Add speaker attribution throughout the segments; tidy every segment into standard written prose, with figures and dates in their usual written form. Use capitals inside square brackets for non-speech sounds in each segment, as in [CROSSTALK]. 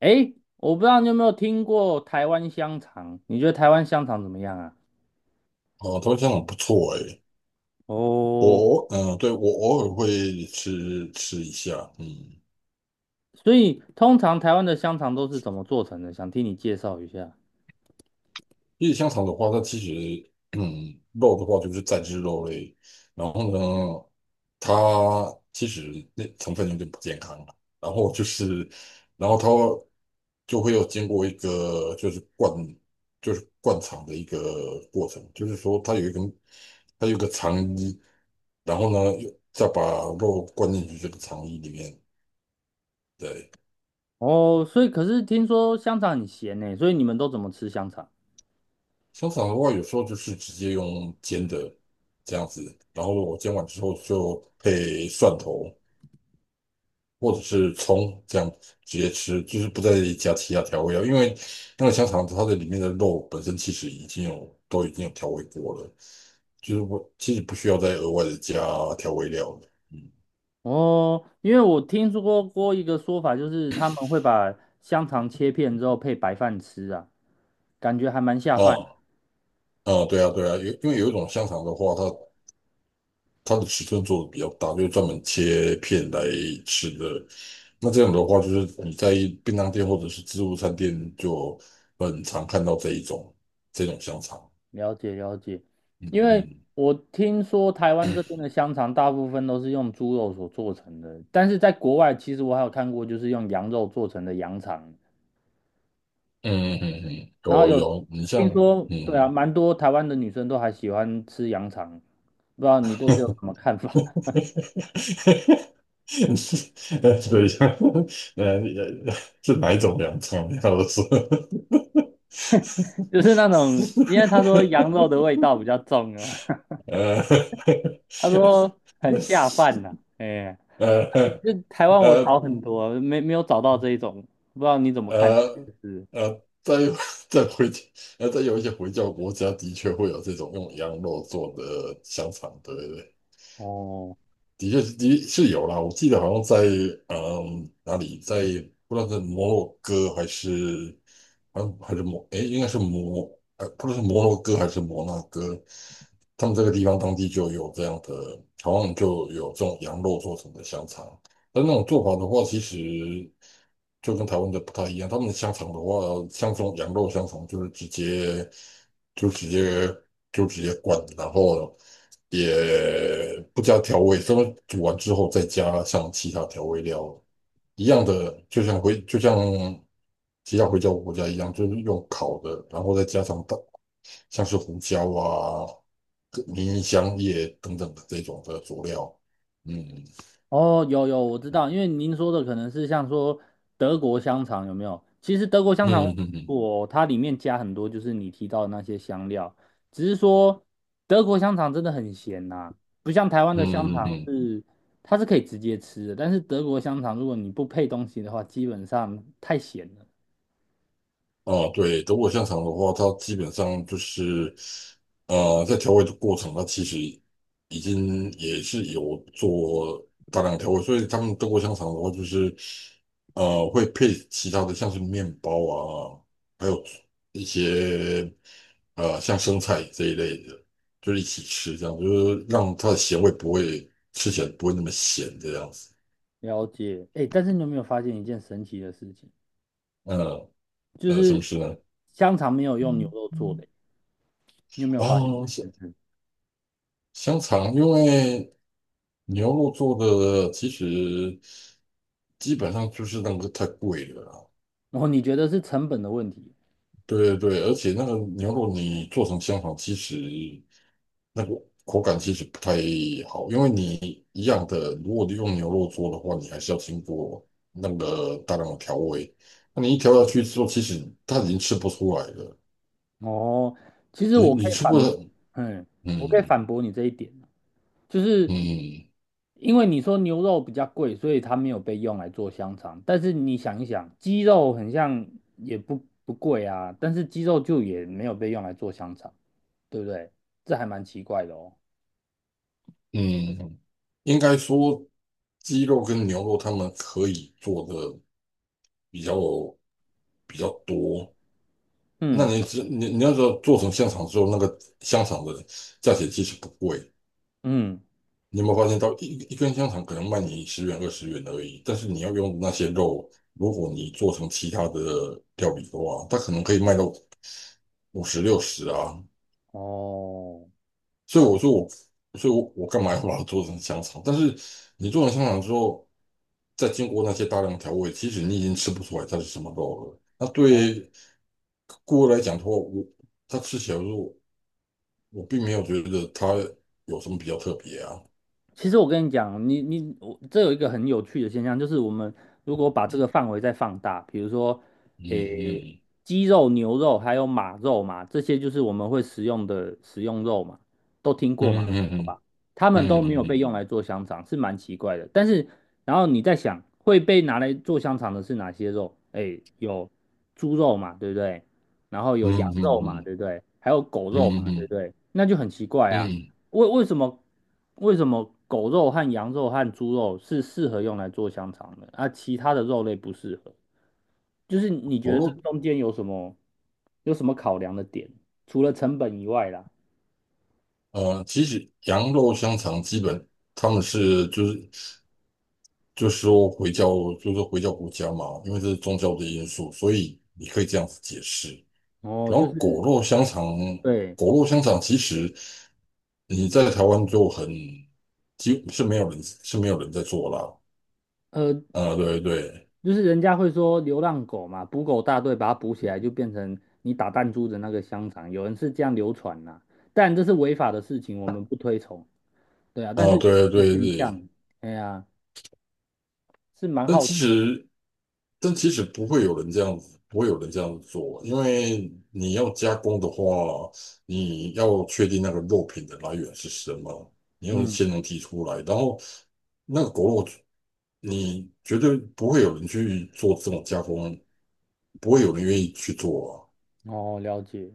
Speaker 1: 诶，我不知道你有没有听过台湾香肠？你觉得台湾香肠怎么样啊？
Speaker 2: 哦，头香很不错诶，
Speaker 1: 哦，
Speaker 2: 对，我偶尔会吃一下，
Speaker 1: 所以通常台湾的香肠都是怎么做成的？想听你介绍一下。
Speaker 2: 因为香肠的话，它其实肉的话就是再制肉类，然后呢，它其实那成分有点不健康，然后就是，然后它就会有经过一个就是灌肠的一个过程，就是说它有一个肠衣，然后呢又再把肉灌进去这个肠衣里面，对。
Speaker 1: 哦，所以可是听说香肠很咸呢，所以你们都怎么吃香肠？
Speaker 2: 香肠的话，有时候就是直接用煎的这样子，然后我煎完之后就配蒜头或者是葱这样直接吃，就是不再加其他调味料，因为那个香肠它的里面的肉本身其实已经有调味过了，就是我其实不需要再额外的加调味料了。嗯。
Speaker 1: 哦，因为我听说过一个说法，就是他们会把香肠切片之后配白饭吃啊，感觉还蛮下
Speaker 2: 啊，
Speaker 1: 饭。
Speaker 2: 啊，对啊，对啊，因为有一种香肠的话，它的尺寸做的比较大，就是专门切片来吃的。那这样的话，就是你在便当店或者是自助餐店就很常看到这种香肠。
Speaker 1: 了解了解，
Speaker 2: 嗯，
Speaker 1: 因为
Speaker 2: 嗯，
Speaker 1: 我听说台湾这边的香肠大部分都是用猪肉所做成的，但是在国外其实我还有看过就是用羊肉做成的羊肠，
Speaker 2: 嗯，嗯，嗯。嗯，
Speaker 1: 然后
Speaker 2: 有，
Speaker 1: 有
Speaker 2: 有，你像
Speaker 1: 听说，对啊，
Speaker 2: 嗯，
Speaker 1: 蛮多台湾的女生都还喜欢吃羊肠，不知道你对这有什么看法？
Speaker 2: [LAUGHS]
Speaker 1: [LAUGHS]
Speaker 2: 对，像呃呃是哪一种凉肠？你要说。
Speaker 1: 就是
Speaker 2: [LAUGHS]
Speaker 1: 那种，因为他说羊肉的味道比较重啊，
Speaker 2: 呃。
Speaker 1: [LAUGHS] 他说很下饭呐、
Speaker 2: [LAUGHS]
Speaker 1: 哎、
Speaker 2: 呃
Speaker 1: 这台湾我
Speaker 2: 呃
Speaker 1: 找很多，没有找到这一种，不知道你怎么看这
Speaker 2: 呃
Speaker 1: 件事？
Speaker 2: 呃，在 [LAUGHS] 在回在有一些回教国家的确会有这种用羊肉做的香肠，对，对，对，
Speaker 1: 哦，
Speaker 2: 的确是的是有啦。我记得好像在哪里，不知道是摩洛哥还是好像还是摩诶，应该是摩呃不知道是摩洛哥还是摩纳哥，他们这个地方当地就有这样的，好像就有这种羊肉做成的香肠。但那种做法的话，其实就跟台湾的不太一样。他们的香肠的话，像这种羊肉香肠，就是就直接直接灌，然后也不加调味，他们煮完之后再加上其他调味料，一样的，就像其他回教国家一样，就是用烤的，然后再加上像是胡椒啊、迷香叶等等的这种的佐料。嗯，
Speaker 1: 哦，有有，我知道，因为您说的可能是像说德国香肠有没有？其实德国香肠
Speaker 2: 嗯，嗯，嗯，
Speaker 1: 我它里面加很多就是你提到的那些香料，只是说德国香肠真的很咸呐、不像台湾的香
Speaker 2: 嗯，嗯，嗯。
Speaker 1: 肠
Speaker 2: 嗯。
Speaker 1: 是它是可以直接吃的，但是德国香肠如果你不配东西的话，基本上太咸了。
Speaker 2: 哦，对，德国香肠的话，它基本上就是，在调味的过程，它其实已经也是有做大量调味，所以他们德国香肠的话，就是，会配其他的像是面包啊，还有一些像生菜这一类的，就是一起吃，这样就是让它的咸味不会吃起来不会那么咸这样子。
Speaker 1: 了解，哎，但是你有没有发现一件神奇的事情？
Speaker 2: 嗯。
Speaker 1: 就
Speaker 2: 什么
Speaker 1: 是
Speaker 2: 事呢？
Speaker 1: 香肠没有用牛肉做的，你有没有发现？
Speaker 2: 啊，香
Speaker 1: 嗯
Speaker 2: 香肠，因为牛肉做的其实基本上就是那个太贵了啦。
Speaker 1: 然后你觉得是成本的问题？
Speaker 2: 对，对，对，而且那个牛肉你做成香肠，其实那个口感其实不太好，因为你一样的，如果你用牛肉做的话，你还是要经过那个大量的调味。那你一调下去之后，其实它已经吃不出来了，
Speaker 1: 哦，其实
Speaker 2: 你
Speaker 1: 我可
Speaker 2: 你
Speaker 1: 以
Speaker 2: 吃不。
Speaker 1: 反，嗯，我可以
Speaker 2: 嗯，
Speaker 1: 反驳你这一点啊，就是
Speaker 2: 嗯，
Speaker 1: 因为你说牛肉比较贵，所以它没有被用来做香肠。但是你想一想，鸡肉很像也不贵啊，但是鸡肉就也没有被用来做香肠，对不对？这还蛮奇怪的哦。
Speaker 2: 嗯。嗯，应该说鸡肉跟牛肉他们可以做的比较比较多。那
Speaker 1: 嗯
Speaker 2: 你只你你要说做成香肠之后，那个香肠的价钱其实不贵。
Speaker 1: 嗯，
Speaker 2: 你有没有发现到一根香肠可能卖你十元20元而已，但是你要用那些肉，如果你做成其他的料理的话，它可能可以卖到五十60啊，
Speaker 1: 哦。哦
Speaker 2: 所以我说我，所以我干嘛要把它做成香肠？但是你做成香肠之后，再经过那些大量调味，其实你已经吃不出来它是什么肉了。那对顾客来讲的话，他吃起来的时候，我并没有觉得它有什么比较特别啊。
Speaker 1: 其实我跟你讲，我这有一个很有趣的现象，就是我们如果把这个范围再放大，比如说，
Speaker 2: 嗯，
Speaker 1: 诶，
Speaker 2: 嗯，
Speaker 1: 鸡肉、牛肉还有马肉嘛，这些就是我们会食用的食用肉嘛，都听过
Speaker 2: 嗯，
Speaker 1: 嘛，没错
Speaker 2: 嗯，
Speaker 1: 吧？他们都
Speaker 2: 嗯，
Speaker 1: 没
Speaker 2: 嗯，
Speaker 1: 有被
Speaker 2: 嗯，
Speaker 1: 用来做香肠，是蛮奇怪的。但是，然后你在想，会被拿来做香肠的是哪些肉？诶，有猪肉嘛，对不对？然后有羊
Speaker 2: 嗯，
Speaker 1: 肉嘛，
Speaker 2: 嗯，
Speaker 1: 对不对？还有狗
Speaker 2: 嗯，
Speaker 1: 肉嘛，
Speaker 2: 嗯，
Speaker 1: 对
Speaker 2: 嗯。
Speaker 1: 不对？那就很奇怪啊。
Speaker 2: 嗯。
Speaker 1: 为为什么为什么狗肉和羊肉和猪肉是适合用来做香肠的，啊，其他的肉类不适合？就是你觉
Speaker 2: 我
Speaker 1: 得这
Speaker 2: 肉
Speaker 1: 中间有什么考量的点？除了成本以外啦，
Speaker 2: 其实羊肉香肠基本他们就是。就说回教，就是回教国家嘛，因为这是宗教的因素，所以你可以这样子解释。
Speaker 1: 哦，
Speaker 2: 然
Speaker 1: 就
Speaker 2: 后
Speaker 1: 是对，
Speaker 2: 果肉香肠其实你在台湾就几乎是没有人在做啦。
Speaker 1: 呃，
Speaker 2: 啊、对，对，
Speaker 1: 就是人家会说流浪狗嘛，捕狗大队把它捕起来，就变成你打弹珠的那个香肠，有人是这样流传啦，但这是违法的事情，我们不推崇。对啊，但
Speaker 2: 啊、
Speaker 1: 是
Speaker 2: 对，
Speaker 1: 现
Speaker 2: 对，对，
Speaker 1: 象，哎呀，是蛮
Speaker 2: 但
Speaker 1: 好，
Speaker 2: 其实，但其实不会有人这样子做，因为你要加工的话，你要确定那个肉品的来源是什么，你要
Speaker 1: 嗯。
Speaker 2: 先能提出来，然后那个狗肉，你绝对不会有人去做这种加工，不会有人愿意去做啊，
Speaker 1: 哦，了解，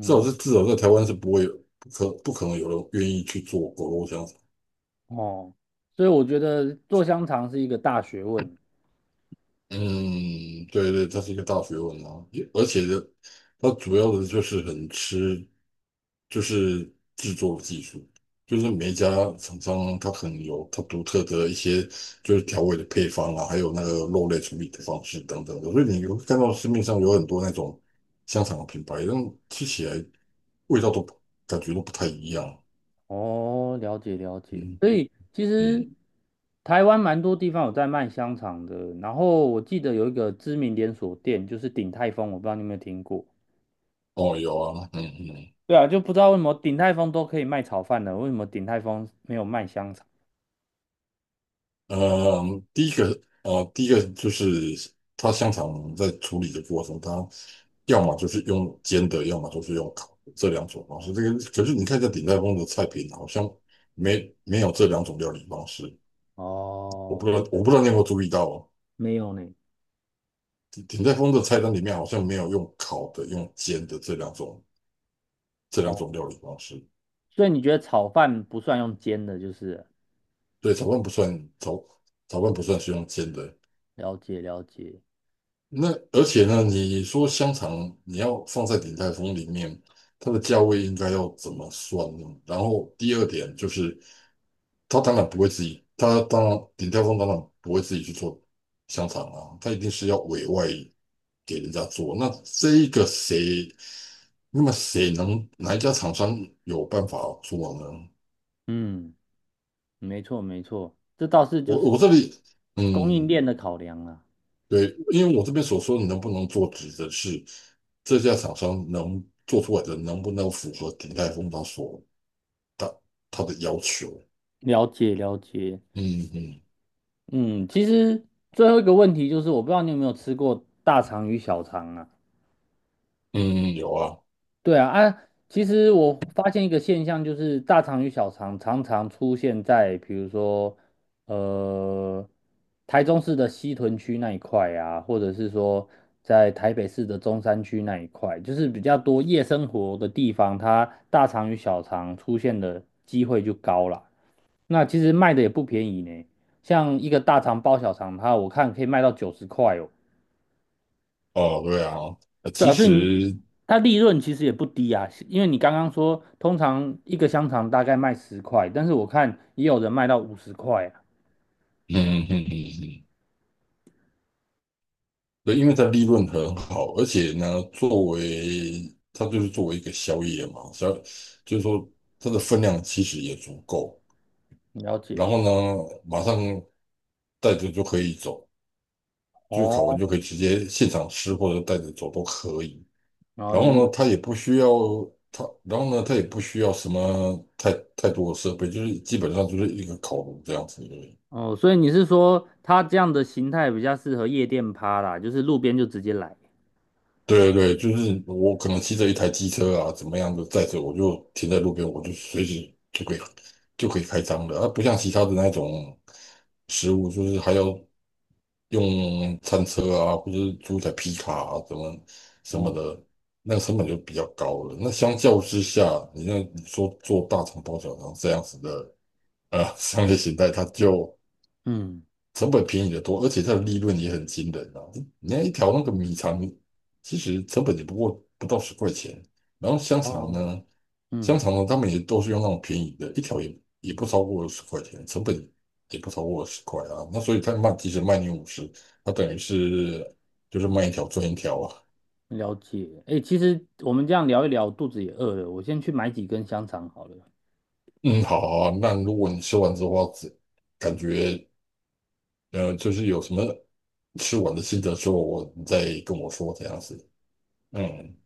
Speaker 2: 至少在台湾是不会有，不可能有人愿意去做狗肉香肠。
Speaker 1: 哦，所以我觉得做香肠是一个大学问。
Speaker 2: 嗯，对，对，它是一个大学问啊，也而且的，它主要的就是很吃，就是制作技术，就是每一家厂商它可能有它独特的一些就是调味的配方啊，还有那个肉类处理的方式等等的，所以你会看到市面上有很多那种香肠的品牌，但吃起来味道都不感觉都不太一样。
Speaker 1: 哦，了解了解。
Speaker 2: 嗯，
Speaker 1: 所以其
Speaker 2: 嗯。
Speaker 1: 实台湾蛮多地方有在卖香肠的，然后我记得有一个知名连锁店就是鼎泰丰，我不知道你有没有听过。
Speaker 2: 哦，有啊。嗯，嗯。
Speaker 1: 对啊，就不知道为什么鼎泰丰都可以卖炒饭了，为什么鼎泰丰没有卖香肠？
Speaker 2: 呃，第一个，第一个就是它香肠在处理的过程，它要么就是用煎的，要么就是用烤的这两种方式。这个可是你看一下鼎泰丰的菜品，好像没有这两种料理方式。
Speaker 1: 哦，
Speaker 2: 我不知道你有没有注意到哦，
Speaker 1: 没有呢。
Speaker 2: 鼎泰丰的菜单里面好像没有用烤的、用煎的这两种
Speaker 1: 哦，
Speaker 2: 料理方式。
Speaker 1: 所以你觉得炒饭不算用煎的，就是了
Speaker 2: 对，炒饭不算，炒炒饭不算是用煎的。
Speaker 1: 了解了解。
Speaker 2: 那而且呢，你说香肠你要放在鼎泰丰里面，它的价位应该要怎么算呢？然后第二点就是，他当然不会自己，他当然鼎泰丰当然不会自己去做香肠啊，他一定是要委外给人家做。那这一个谁，那么谁能哪一家厂商有办法做呢？
Speaker 1: 嗯，没错没错，这倒是就是
Speaker 2: 我这里
Speaker 1: 供应
Speaker 2: 嗯。
Speaker 1: 链的考量啊。
Speaker 2: 对，因为我这边所说的能不能做，指的是这家厂商能做出来的能不能符合鼎泰丰它所他他的要求。
Speaker 1: 了解了解，
Speaker 2: 嗯，嗯，
Speaker 1: 嗯，其实最后一个问题就是，我不知道你有没有吃过大肠与小肠啊？
Speaker 2: 嗯。有啊。
Speaker 1: 对啊，啊，其实我发现一个现象，就是大肠与小肠常常出现在，比如说，呃，台中市的西屯区那一块啊，或者是说在台北市的中山区那一块，就是比较多夜生活的地方，它大肠与小肠出现的机会就高了。那其实卖的也不便宜呢，像一个大肠包小肠，它我看可以卖到90块哦。
Speaker 2: 哦，对啊。
Speaker 1: 对
Speaker 2: 其
Speaker 1: 啊，所以你
Speaker 2: 实，
Speaker 1: 它利润其实也不低啊，因为你刚刚说通常一个香肠大概卖十块，但是我看也有人卖到50块啊，
Speaker 2: 嗯，嗯，嗯，嗯，对，因为它利润很好，而且呢，作为它就是作为一个宵夜嘛，就是说它的分量其实也足够，
Speaker 1: 了解。
Speaker 2: 然后呢，马上带着就可以走。就是烤
Speaker 1: 哦，
Speaker 2: 完就可以直接现场吃或者带着走都可以。
Speaker 1: 然后
Speaker 2: 然后
Speaker 1: 也有
Speaker 2: 呢，它也不需要什么太多的设备，就是基本上就是一个烤炉这样子而已。
Speaker 1: 哦，所以你是说它这样的形态比较适合夜店趴啦，就是路边就直接来。
Speaker 2: 对，对，对，就是我可能骑着一台机车啊，怎么样的载着，我就停在路边，我就随时就可以开张的，它不像其他的那种食物，就是还要用餐车啊，或者是租台皮卡啊，怎么什么
Speaker 1: 哦，
Speaker 2: 的，那个成本就比较高了。那相较之下，你说做大肠包小肠这样子的[LAUGHS] 商业形态，它就
Speaker 1: 嗯
Speaker 2: 成本便宜的多，而且它的利润也很惊人啊！你看一条那个米肠，其实成本也不过不到十块钱，然后
Speaker 1: 哦，
Speaker 2: 香
Speaker 1: 嗯，
Speaker 2: 肠呢，他们也都是用那种便宜的，一条也不超过十块钱，成本也不超过十块啊。那所以他卖，即使卖你五十，他等于就是卖一条赚一条啊。
Speaker 1: 了解。哎，其实我们这样聊一聊，肚子也饿了，我先去买几根香肠好了。
Speaker 2: 嗯，好啊，那如果你吃完之后，感觉就是有什么吃完的心得之后，你再跟我说这样子。嗯。